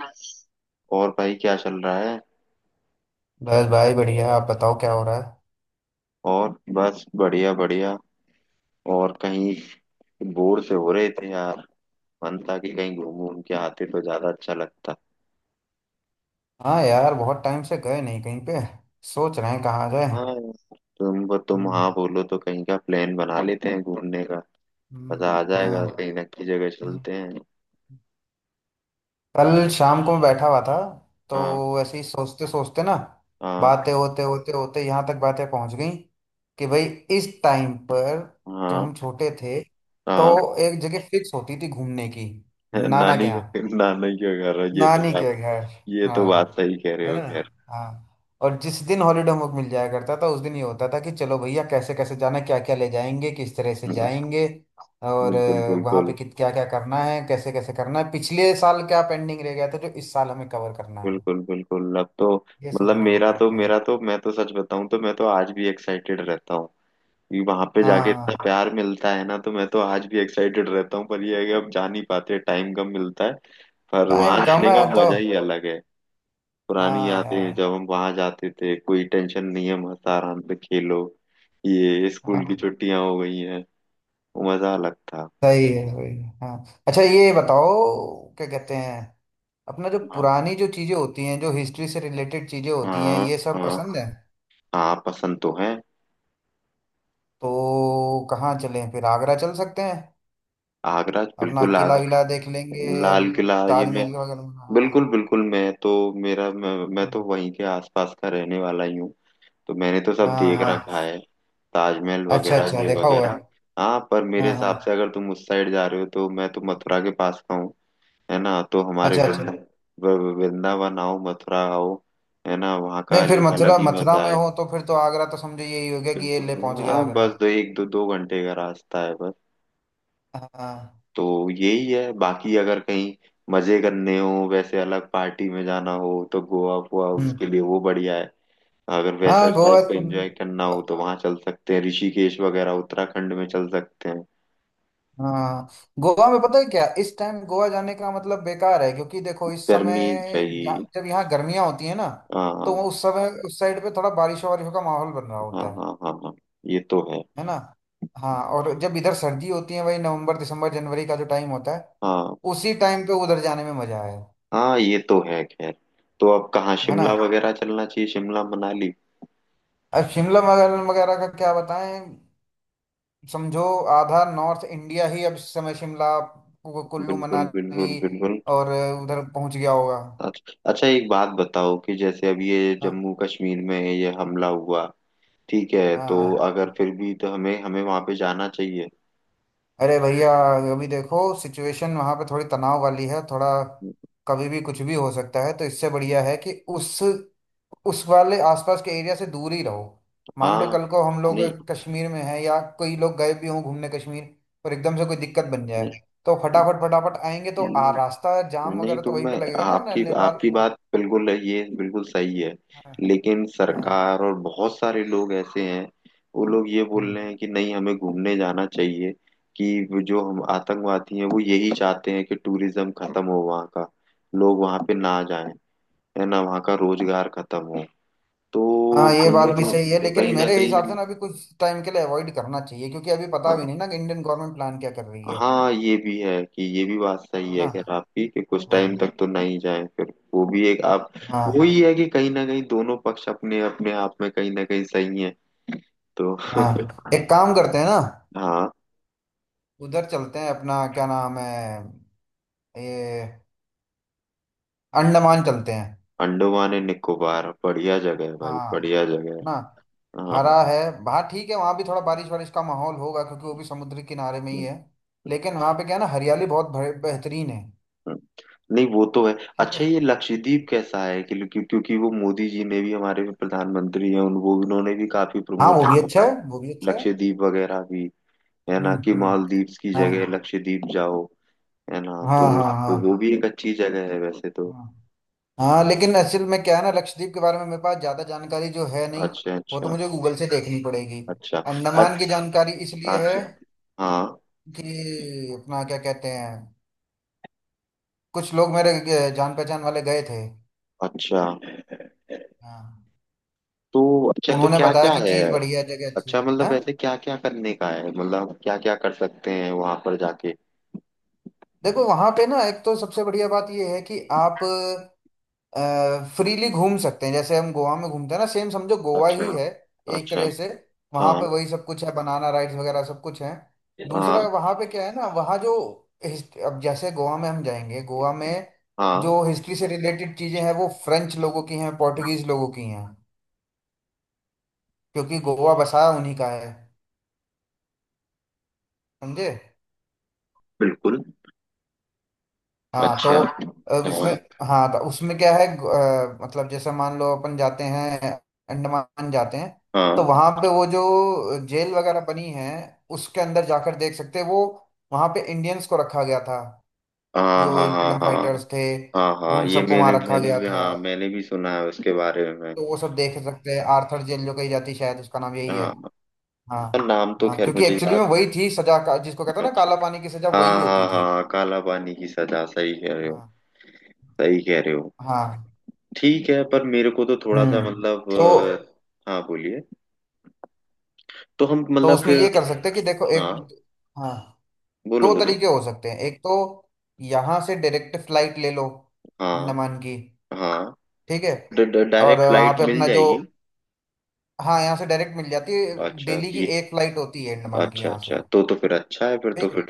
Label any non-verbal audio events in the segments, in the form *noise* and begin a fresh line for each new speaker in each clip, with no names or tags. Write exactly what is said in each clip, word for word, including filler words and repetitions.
बस। और भाई क्या चल रहा है?
बस भाई बढ़िया। आप बताओ क्या हो रहा है।
और बस बढ़िया बढ़िया। और कहीं बोर से हो रहे थे यार। मन था कि कहीं घूम घूम के आते तो ज्यादा अच्छा लगता।
हाँ यार, बहुत टाइम से गए नहीं कहीं पे। सोच रहे हैं कहाँ जाए।
हाँ यार, तुम तुम
हम्म।
हाँ बोलो तो कहीं का प्लान बना लेते हैं घूमने का।
हम्म।
मजा आ जाएगा,
हाँ।
कहीं ना कहीं जगह
हम्म।
चलते हैं।
कल शाम को मैं बैठा हुआ था,
हाँ,
तो ऐसे ही सोचते सोचते ना
हाँ,
बातें होते होते होते यहाँ तक बातें पहुंच गई कि भाई इस टाइम पर जब
हाँ,
हम छोटे थे तो
हाँ।
एक जगह फिक्स होती थी घूमने की।
*laughs*
नाना के
नानी का
यहाँ,
नानी का घर है, ये तो
नानी के
बात।
घर।
ये तो
हाँ,
बात सही कह रहे
है
हो,
ना।
खैर।
हाँ। और जिस दिन हॉलीडे होमवर्क मिल जाया करता था उस दिन ये होता था कि चलो भैया कैसे कैसे जाना, क्या क्या ले जाएंगे, किस तरह से
*laughs*
जाएंगे, और
बिल्कुल
अ, वहाँ पे
बिल्कुल।
कित क्या क्या करना है, कैसे कैसे करना है, पिछले साल क्या पेंडिंग रह गया था जो इस साल हमें कवर करना है।
बिल्कुल बिल्कुल। अब तो
ये सब
मतलब
होने लग
मेरा
गया
तो
था।
मेरा तो मैं तो सच बताऊं तो मैं तो आज भी एक्साइटेड रहता हूँ। क्योंकि वहां पे जाके इतना
हाँ।
प्यार मिलता है ना, तो मैं तो आज भी एक्साइटेड रहता हूँ, पर ये है कि अब जा नहीं पाते, टाइम कम मिलता है। पर वहां
टाइम कम
जाने का
है तो।
मजा ही अलग है। पुरानी
हाँ
यादें,
यार।
जब हम वहां जाते थे, कोई टेंशन नहीं है, मस्त आराम से खेलो। ये स्कूल की
हाँ।
छुट्टियां हो गई हैं। वो मजा अलग था।
सही है सही है। हाँ अच्छा, ये बताओ, क्या कहते हैं, अपना जो
हाँ,
पुरानी जो चीज़ें होती हैं जो हिस्ट्री से रिलेटेड चीज़ें होती हैं
हाँ,
ये सब
हाँ,
पसंद है।
हाँ, पसंद तो है।
तो कहाँ चलें? फिर आगरा चल सकते हैं।
आगरा
अपना
बिल्कुल,
किला विला देख
आगरा।
लेंगे और
लाल किला, ये मैं।
ताजमहल वगैरह। हाँ।
बिल्कुल बिल्कुल, मैं तो मेरा, मैं, मैं तो वहीं के आसपास का रहने वाला ही हूँ। तो मैंने तो सब
हाँ।
देख
हाँ।
रखा है। ताजमहल
अच्छा
वगैरह,
अच्छा,
ये
देखा हुआ है।
वगैरह। हाँ, पर मेरे
हाँ हाँ।
हिसाब से अगर तुम उस साइड जा रहे हो, तो मैं तो मथुरा के पास का हूँ। है ना, तो हमारे
अच्छा अच्छा।
वृंदा व- वृंदावन आओ, मथुरा आओ। है ना, वहाँ का
नहीं, फिर
अलग
मथुरा,
अलग ही
मथुरा
मजा
में
है।
हो तो फिर तो आगरा तो समझो यही हो गया, कि ये ले पहुंच
बिल्कुल। हाँ,
गया आगरा।
बस दो एक दो दो घंटे का रास्ता है, बस।
हाँ।
तो यही है, बाकी अगर कहीं मजे करने हो, वैसे अलग पार्टी में जाना हो, तो गोवा हुआ,
हम्म।
उसके लिए वो बढ़िया है। अगर वैसा
हाँ गोवा।
टाइप का एंजॉय करना हो तो वहां चल सकते हैं, ऋषिकेश वगैरह उत्तराखंड में चल सकते हैं।
हाँ, गोवा में पता है क्या, इस टाइम गोवा जाने का मतलब बेकार है, क्योंकि देखो इस
गर्मी
समय
रही।
जा- जब यहाँ गर्मियां होती है ना तो वो
हाँ,
उस समय उस साइड पे थोड़ा बारिशों वारिशों का माहौल बन रहा
हाँ,
होता है।
हाँ, हाँ, हाँ, ये तो है।
है ना। हाँ, और जब इधर सर्दी होती है, वही नवंबर दिसंबर जनवरी का जो टाइम होता है,
हाँ,
उसी टाइम पे उधर जाने में मजा है।
हाँ, ये तो है, खैर। तो अब कहाँ,
है ना।
शिमला वगैरह चलना चाहिए, शिमला मनाली।
अब शिमला वगैरह वगैरह का क्या बताएं, समझो आधा नॉर्थ इंडिया ही अब इस समय शिमला कु- कुल्लू
बिल्कुल,
मनाली
बिल्कुल, बिल्कुल।
और उधर पहुंच गया होगा।
अच्छा, अच्छा, एक बात बताओ, कि जैसे अब ये
हाँ।
जम्मू कश्मीर में ये हमला हुआ, ठीक है, तो
हाँ।
अगर फिर भी तो हमें हमें वहां पे जाना चाहिए?
अरे भैया, अभी देखो सिचुएशन वहां पे थोड़ी तनाव वाली है, थोड़ा कभी भी कुछ भी हो सकता है, तो इससे बढ़िया है कि उस उस वाले आसपास के एरिया से दूर ही रहो। मान लो
हाँ।
कल को हम लोग
नहीं।
कश्मीर में हैं, या कोई लोग गए भी हों घूमने कश्मीर, और एकदम से कोई दिक्कत बन जाए,
नहीं,
तो फटाफट फटाफट आएंगे तो आ रास्ता जाम
नहीं,
वगैरह तो
तो
वहीं पे
मैं
लगेगा ना ने,
आपकी
नेपाल
आपकी
वो,
बात बिल्कुल है, ये बिल्कुल सही है।
हाँ।
लेकिन
हाँ।
सरकार और बहुत सारे लोग ऐसे हैं, वो लोग ये बोल
हम्म।
रहे हैं कि नहीं, हमें घूमने जाना चाहिए। कि वो जो हम आतंकवादी हैं वो यही चाहते हैं कि टूरिज्म खत्म हो वहाँ का, लोग वहाँ पे ना जाएं। है ना, वहाँ का रोजगार खत्म हो।
हाँ,
तो
ये बात भी सही है, लेकिन
कहीं ना
मेरे हिसाब से
कहीं।
ना अभी कुछ टाइम के लिए अवॉइड करना चाहिए, क्योंकि अभी पता भी
हाँ,
नहीं ना कि इंडियन गवर्नमेंट प्लान क्या कर रही है।
हाँ, ये भी है कि ये भी बात सही
है
है,
ना।
खैर, आपकी कि कुछ
हाँ।
टाइम तक तो नहीं जाए फिर। वो भी एक आप।
हाँ।
वही है कि कहीं ना कहीं दोनों पक्ष अपने अपने आप में कहीं ना कहीं सही है। तो
हाँ, एक काम करते हैं ना,
हाँ।
उधर चलते हैं, अपना क्या नाम है, ये, अंडमान चलते हैं।
अंडमान एंड निकोबार बढ़िया जगह है भाई,
हाँ।
बढ़िया जगह है।
ना, हरा
हाँ।
है। हाँ ठीक है, वहाँ भी थोड़ा बारिश वारिश का माहौल होगा, क्योंकि वो भी समुद्र के किनारे में ही
हम्म।
है, लेकिन वहाँ पे क्या है ना, हरियाली बहुत भरे- बेहतरीन है।
हम्म। नहीं, वो तो है।
ठीक
अच्छा,
है।
ये लक्षद्वीप कैसा है, कि क्यों- क्योंकि वो मोदी जी ने भी, हमारे प्रधानमंत्री हैं उन, वो उन्होंने भी काफी
हाँ,
प्रमोट
वो भी
किया
अच्छा
था,
है, वो भी अच्छा है।
लक्षद्वीप वगैरह भी। है ना,
हम्म
कि
हम्म।
मालदीव्स की
हाँ
जगह लक्षद्वीप जाओ। है ना, तो
हाँ हाँ।
वो वो
हाँ।
भी एक अच्छी जगह है वैसे तो।
हाँ। हाँ लेकिन असल में क्या है ना, लक्षद्वीप के बारे में मेरे पास ज्यादा जानकारी जो है नहीं।
अच्छा।
वो तो
अच्छा।
मुझे गूगल से देखनी पड़ेगी।
अच्छा।
अंडमान
अ-
की जानकारी इसलिए है
अच्छा।
कि,
हाँ।
कि अपना क्या कहते हैं, कुछ लोग मेरे ग- जान पहचान वाले गए थे।
अच्छा।
हाँ।
तो अच्छा, तो
उन्होंने
क्या
बताया
क्या
कि
है?
चीज बढ़िया है, जगह अच्छी
अच्छा,
है।
मतलब वैसे
हाँ?
क्या क्या करने का है, मतलब क्या क्या कर सकते हैं वहां पर जाके?
देखो वहां पे ना, एक तो सबसे बढ़िया बात ये है कि आप फ्रीली घूम सकते हैं, जैसे हम गोवा में घूमते हैं ना, सेम समझो गोवा
अच्छा,
ही है एक
अच्छा।
तरह से। वहां
हाँ,
पे वही सब कुछ है, बनाना राइड्स वगैरह सब कुछ है। दूसरा
हाँ,
वहां पे क्या है ना, वहाँ जो हिस्ट- अब जैसे गोवा में हम जाएंगे, गोवा में
हाँ,
जो हिस्ट्री से रिलेटेड चीजें हैं वो फ्रेंच लोगों की हैं, पोर्टुगीज लोगों की हैं, क्योंकि गोवा बसाया उन्हीं का है। समझे।
बिल्कुल।
हाँ तो
अच्छा।
अब उसमें,
हाँ,
हाँ तो उसमें क्या है अ, मतलब जैसे मान लो अपन जाते हैं, अंडमान जाते हैं, तो
हाँ,
वहां पे वो जो जेल वगैरह बनी है उसके अंदर जाकर देख सकते हैं। वो वहां पे इंडियंस को रखा गया था,
हाँ,
जो
हाँ, हाँ,
इंडियन
हाँ,
फाइटर्स थे,
हाँ, हाँ,
उन
ये
सबको
मैंने
वहां रखा
मैंने
गया
भी,
था।
हाँ, मैंने भी सुना है उसके बारे में।
तो वो सब देख सकते हैं, आर्थर जेल जो कही जाती है, शायद उसका नाम यही है।
हाँ,
हाँ।
नाम तो
हाँ,
खैर
क्योंकि
मुझे
एक्चुअली
याद।
में वही थी सजा का जिसको कहते हैं ना,
अच्छा।
काला पानी की सजा, वही
हाँ,
होती
हाँ,
थी।
हाँ, काला पानी की सजा, सही कह रहे हो,
हाँ।
सही कह रहे हो।
हाँ।
ठीक है, पर मेरे को तो थोड़ा सा
हम्म।
मतलब।
तो
अ, हाँ, बोलिए। तो हम।
तो उसमें ये कर सकते हैं कि देखो, एक,
हाँ,
हाँ,
बोलो,
दो
बोलो।
तरीके हो सकते हैं। एक तो यहाँ से डायरेक्ट फ्लाइट ले लो
हाँ,
अंडमान की,
हाँ।
ठीक है,
ड- ड-
और
डायरेक्ट
वहाँ
फ्लाइट
पे
मिल
अपना जो,
जाएगी?
हाँ यहाँ से डायरेक्ट मिल जाती है,
अच्छा,
डेली की
ये।
एक फ्लाइट होती है अंडमान की
अच्छे।
यहाँ से। ठीक है।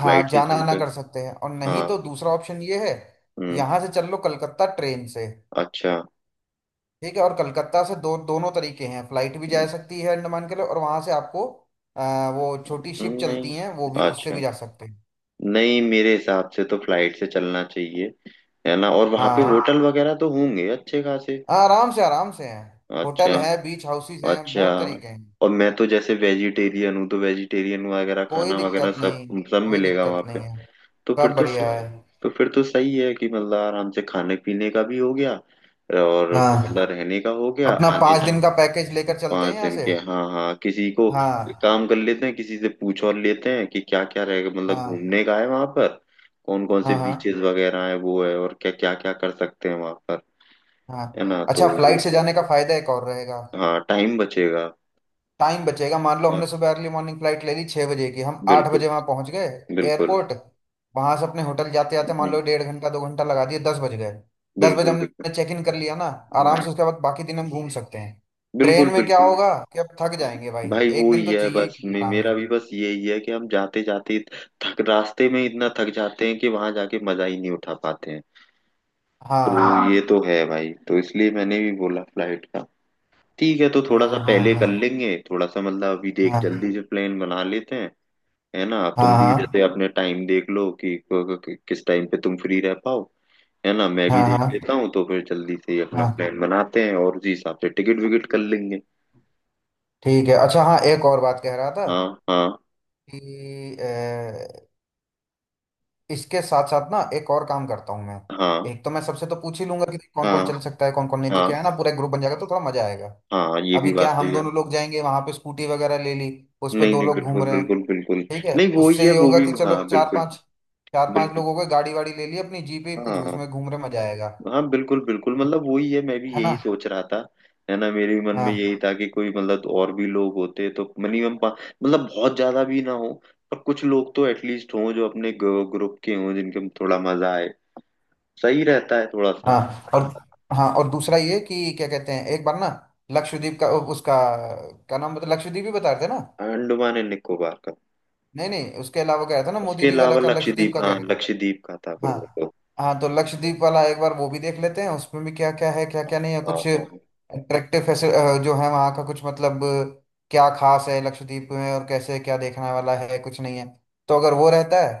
हाँ, जाना
चलते
आना
हैं।
कर सकते हैं, और नहीं
हाँ।
तो दूसरा ऑप्शन ये है,
हम्म।
यहाँ से चल लो कलकत्ता ट्रेन से,
अच्छा।
ठीक है, और कलकत्ता से दो दोनों तरीके हैं, फ्लाइट भी जा
हम्म।
सकती है अंडमान के लिए, और वहाँ से आपको अ, वो छोटी शिप
हम्म। नहीं।
चलती हैं, वो भी उससे भी
अच्छा।
जा सकते हैं।
नहीं, मेरे हिसाब से तो फ्लाइट से चलना चाहिए। है ना, और वहाँ पे
हाँ।
होटल वगैरह तो होंगे अच्छे खासे?
हाँ, आराम से आराम से हैं, होटल
अच्छा,
है, बीच हाउसेस हैं,
अच्छा।
बहुत तरीके हैं।
और मैं तो जैसे वेजिटेरियन हूँ, तो वेजिटेरियन वगैरह
कोई
खाना वगैरह
दिक्कत नहीं,
सब, सब
कोई
मिलेगा
दिक्कत
वहां पे?
नहीं है,
तो फिर
सब
तो
बढ़िया
सही,
है।
तो फिर तो सही है कि मतलब आराम से खाने पीने का भी हो गया और
हाँ।
मतलब रहने का हो गया,
अपना
आने
पाँच दिन का
जाने।
पैकेज लेकर चलते हैं
पाँच
यहाँ
दिन
से।
के, हाँ, हाँ। किसी को एक
हाँ।
काम कर लेते हैं, किसी से पूछ और लेते हैं कि क्या क्या रहेगा, मतलब
हाँ।
घूमने का है वहां पर, कौन कौन से
हाँ। हाँ।
बीचेस वगैरह है वो है, और क्या क्या क्या कर सकते हैं वहां पर।
हाँ
है ना, तो
अच्छा,
वो-
फ्लाइट से जाने का फायदा एक और रहेगा,
हाँ, टाइम बचेगा।
टाइम बचेगा। मान लो हमने
हाँ,
सुबह अर्ली मॉर्निंग फ्लाइट ले ली छः बजे की, हम आठ
बिल्कुल,
बजे वहां पहुंच गए
बिल्कुल।
एयरपोर्ट, वहां से अपने होटल जाते जाते मान
हम्म,
लो डेढ़ घंटा दो घंटा लगा दिए, दस बज गए, दस बजे
बिल्कुल, बिल्कुल।
हमने चेक इन कर लिया ना, आराम
हाँ,
से उसके बाद बाकी दिन हम घूम सकते हैं।
बिल्कुल,
ट्रेन में
बिल्कुल।
क्या होगा कि अब थक जाएंगे भाई,
भाई
एक
वो
दिन
ही
तो
है,
चाहिए ही
बस
चाहिए
मे,
आराम के
मेरा भी
लिए।
बस यही है कि हम जाते जाते थक रास्ते में इतना थक जाते हैं कि वहां जाके मजा ही नहीं उठा पाते हैं। तो ये, हाँ, ये
हाँ
तो है भाई, तो इसलिए मैंने भी बोला फ्लाइट का। ठीक है, तो थोड़ा सा
हाँ
पहले
हाँ
कर लेंगे, थोड़ा सा मतलब अभी
हाँ।
देख,
हाँ
जल्दी से प्लान बना लेते हैं। है ना, तुम भी
हाँ
जैसे अपने टाइम देख लो कि, कि, कि किस टाइम पे तुम फ्री रह पाओ। है ना, मैं भी
हाँ हाँ।
देख लेता
हाँ।
हूँ, तो फिर जल्दी से ही अपना
हाँ।
प्लान बनाते हैं और उसी हिसाब से टिकट विकेट कर लेंगे।
ठीक है। अच्छा हाँ, एक और बात कह रहा था
हाँ, हाँ,
कि इसके साथ साथ ना एक और काम करता हूँ मैं।
हाँ,
एक तो मैं सबसे तो पूछ ही लूंगा कि कौन कौन
हाँ,
चल सकता है कौन कौन नहीं, तो
हाँ,
क्या है ना, पूरा ग्रुप बन जाएगा तो थोड़ा मजा आएगा।
हाँ, ये
अभी
भी
क्या,
बात
हम
सही है।
दोनों लोग जाएंगे वहां पे, स्कूटी वगैरह ले ली, उस पे
नहीं,
दो
नहीं,
लोग
बिल्कुल,
घूम रहे हैं।
बिल्कुल, बिल्कुल।
ठीक है,
नहीं, वो ही
उससे
है,
ये
वो
होगा
भी,
कि चलो
हाँ,
चार
बिल्कुल।
पांच चार पांच
बिल्कुल।
लोग हो गए, गाड़ी वाड़ी ले ली अपनी, जीप ही कुछ
हाँ,
उसमें घूम रहे, मजा आएगा।
हाँ, बिल्कुल, बिल्कुल,
और-
मतलब वही है, मैं भी
है ना।
यही सोच रहा था। है ना, मेरे भी मन में
हाँ।
यही था कि कोई मतलब, तो और भी लोग होते तो, मिनिमम, मतलब बहुत ज्यादा भी ना हो, पर कुछ लोग तो एटलीस्ट हों जो अपने ग्रुप के हों, जिनके थोड़ा मजा आए, सही रहता है थोड़ा सा।
हाँ और, हाँ और दूसरा ये कि क्या कहते हैं, एक बार ना लक्षद्वीप का उसका क्या नाम बता, लक्षद्वीप ही बता रहे थे ना।
अंडमान एंड निकोबार का।
नहीं नहीं उसके अलावा, कह रहा था ना मोदी
उसके
जी वाला,
अलावा
क्या लक्षद्वीप
लक्षद्वीप,
का
हाँ,
कह रहे थे।
लक्षद्वीप का था, फिर
हाँ।
वो तो
हाँ तो लक्षद्वीप वाला एक बार वो भी देख लेते हैं, उसमें भी क्या क्या है क्या क्या नहीं है,
हाँ,
कुछ
हाँ, हाँ।
अट्रैक्टिव जो है वहाँ का, कुछ मतलब क्या खास है लक्षद्वीप में और कैसे क्या देखने वाला है कुछ नहीं है। तो अगर वो रहता है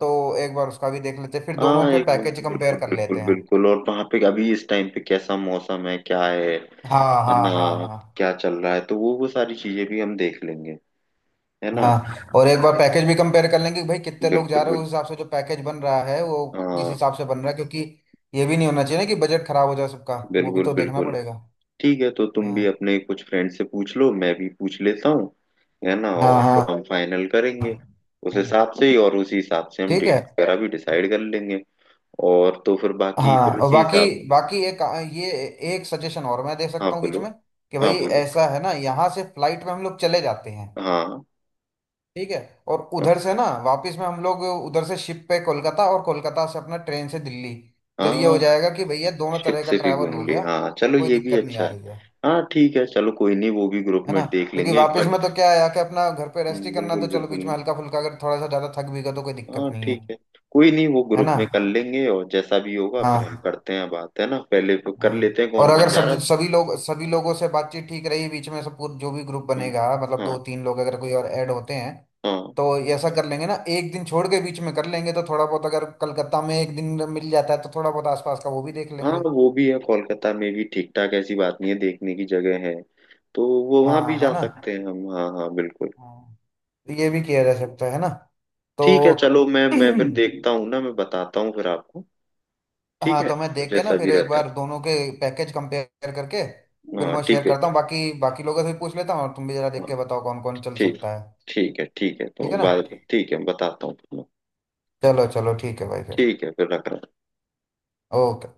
तो एक बार उसका भी देख लेते हैं, फिर दोनों
हाँ,
के
एक मिनट,
पैकेज कंपेयर
बिल्कुल,
कर
बिल्कुल,
लेते हैं।
बिल्कुल। और वहां पे अभी इस टाइम पे कैसा मौसम है, क्या है
हाँ
है
हाँ
ना,
हाँ हाँ।
क्या चल रहा है, तो वो वो सारी चीजें भी हम देख लेंगे। है ना,
हाँ, और एक बार पैकेज भी कंपेयर कर लेंगे कि भाई कितने लोग
बिल्कुल,
जा रहे हैं,
बिल्कुल।
उस हिसाब से जो पैकेज बन रहा है वो किस
हाँ,
हिसाब से बन रहा है, क्योंकि ये भी नहीं होना चाहिए ना कि बजट खराब हो जाए सबका, वो भी
बिल्कुल,
तो देखना
बिल्कुल।
पड़ेगा।
ठीक है, तो तुम भी
हाँ
अपने कुछ फ्रेंड से पूछ लो, मैं भी पूछ लेता हूँ, है ना,
हाँ
और
हाँ।
तो हम फाइनल करेंगे उस
हाँ,
हिसाब से ही, और उसी हिसाब से हम
ठीक है।
डेट वगैरह भी डिसाइड कर लेंगे, और तो फिर बाकी
हाँ,
फिर
और
उसी
बाकी,
हिसाब।
बाकी एक, ये, एक सजेशन और मैं दे
हाँ,
सकता हूँ बीच
बोलो।
में कि
हाँ,
भाई,
बोलो।
ऐसा है ना, यहाँ से फ्लाइट में हम लोग चले जाते हैं,
हाँ,
ठीक है, और
हाँ,
उधर से ना वापस में हम लोग उधर से शिप पे कोलकाता, और कोलकाता से अपना ट्रेन से दिल्ली। तो ये हो
हाँ।
जाएगा कि भैया दोनों
शिप
तरह का
से भी
ट्रैवल हो
घूम लिए,
गया,
हाँ, चलो,
कोई
ये भी
दिक्कत नहीं
अच्छा
आ
है।
रही है।
हाँ, ठीक है, चलो, कोई नहीं, वो भी ग्रुप
है
में
ना।
देख
क्योंकि
लेंगे एक
वापस
बार।
में तो क्या है, आके अपना घर पे रेस्ट ही
हम्म,
करना,
बिल्कुल,
तो चलो बीच
बिल्कुल।
में हल्का फुल्का अगर थोड़ा सा ज्यादा थक भी गए तो कोई दिक्कत
हाँ,
नहीं है।
ठीक है, कोई नहीं, वो
है
ग्रुप
ना।
में कर लेंगे, और जैसा भी होगा फिर हम
हाँ।
करते हैं बात, है ना, पहले वो कर
हाँ,
लेते हैं
और
कौन
अगर
कौन जा रहा
सब
है।
सभी लोग, सभी लोगों से बातचीत ठीक रही बीच में, सब पूर- जो भी ग्रुप
हम्म।
बनेगा, मतलब दो
हाँ,
तीन लोग अगर कोई और ऐड होते हैं,
हाँ।
तो ये ऐसा कर लेंगे ना, एक दिन छोड़ के बीच में कर लेंगे, तो थोड़ा बहुत अगर कलकत्ता में एक दिन मिल जाता है तो थोड़ा बहुत आसपास का वो भी देख
हाँ,
लेंगे।
वो भी है, कोलकाता में भी ठीक ठाक, ऐसी बात नहीं है, देखने की जगह है, तो वो वहां भी
हाँ। है
जा
ना।
सकते हैं हम। हाँ, हाँ, बिल्कुल।
हाँ। तो ये भी किया जा सकता है ना।
ठीक है,
तो
चलो, मैं
*clears throat*
मैं फिर देखता हूँ ना, मैं बताता हूँ फिर आपको। ठीक
हाँ,
है,
तो मैं देख के ना
जैसा
फिर
भी
एक
रहता है।
बार दोनों के पैकेज कंपेयर करके फिर
हाँ,
मैं शेयर
ठीक है।
करता हूँ, बाकी बाकी लोगों से भी पूछ लेता हूँ, और तुम भी जरा देख
हाँ,
के बताओ कौन कौन चल
ठीक।
सकता है।
ठीक है, ठीक है, तो
ठीक है ना।
बाद में, ठीक है, बताता हूँ तुम्हें।
चलो चलो, ठीक है भाई फिर।
ठीक है, फिर रख रहा हूँ।
ओके।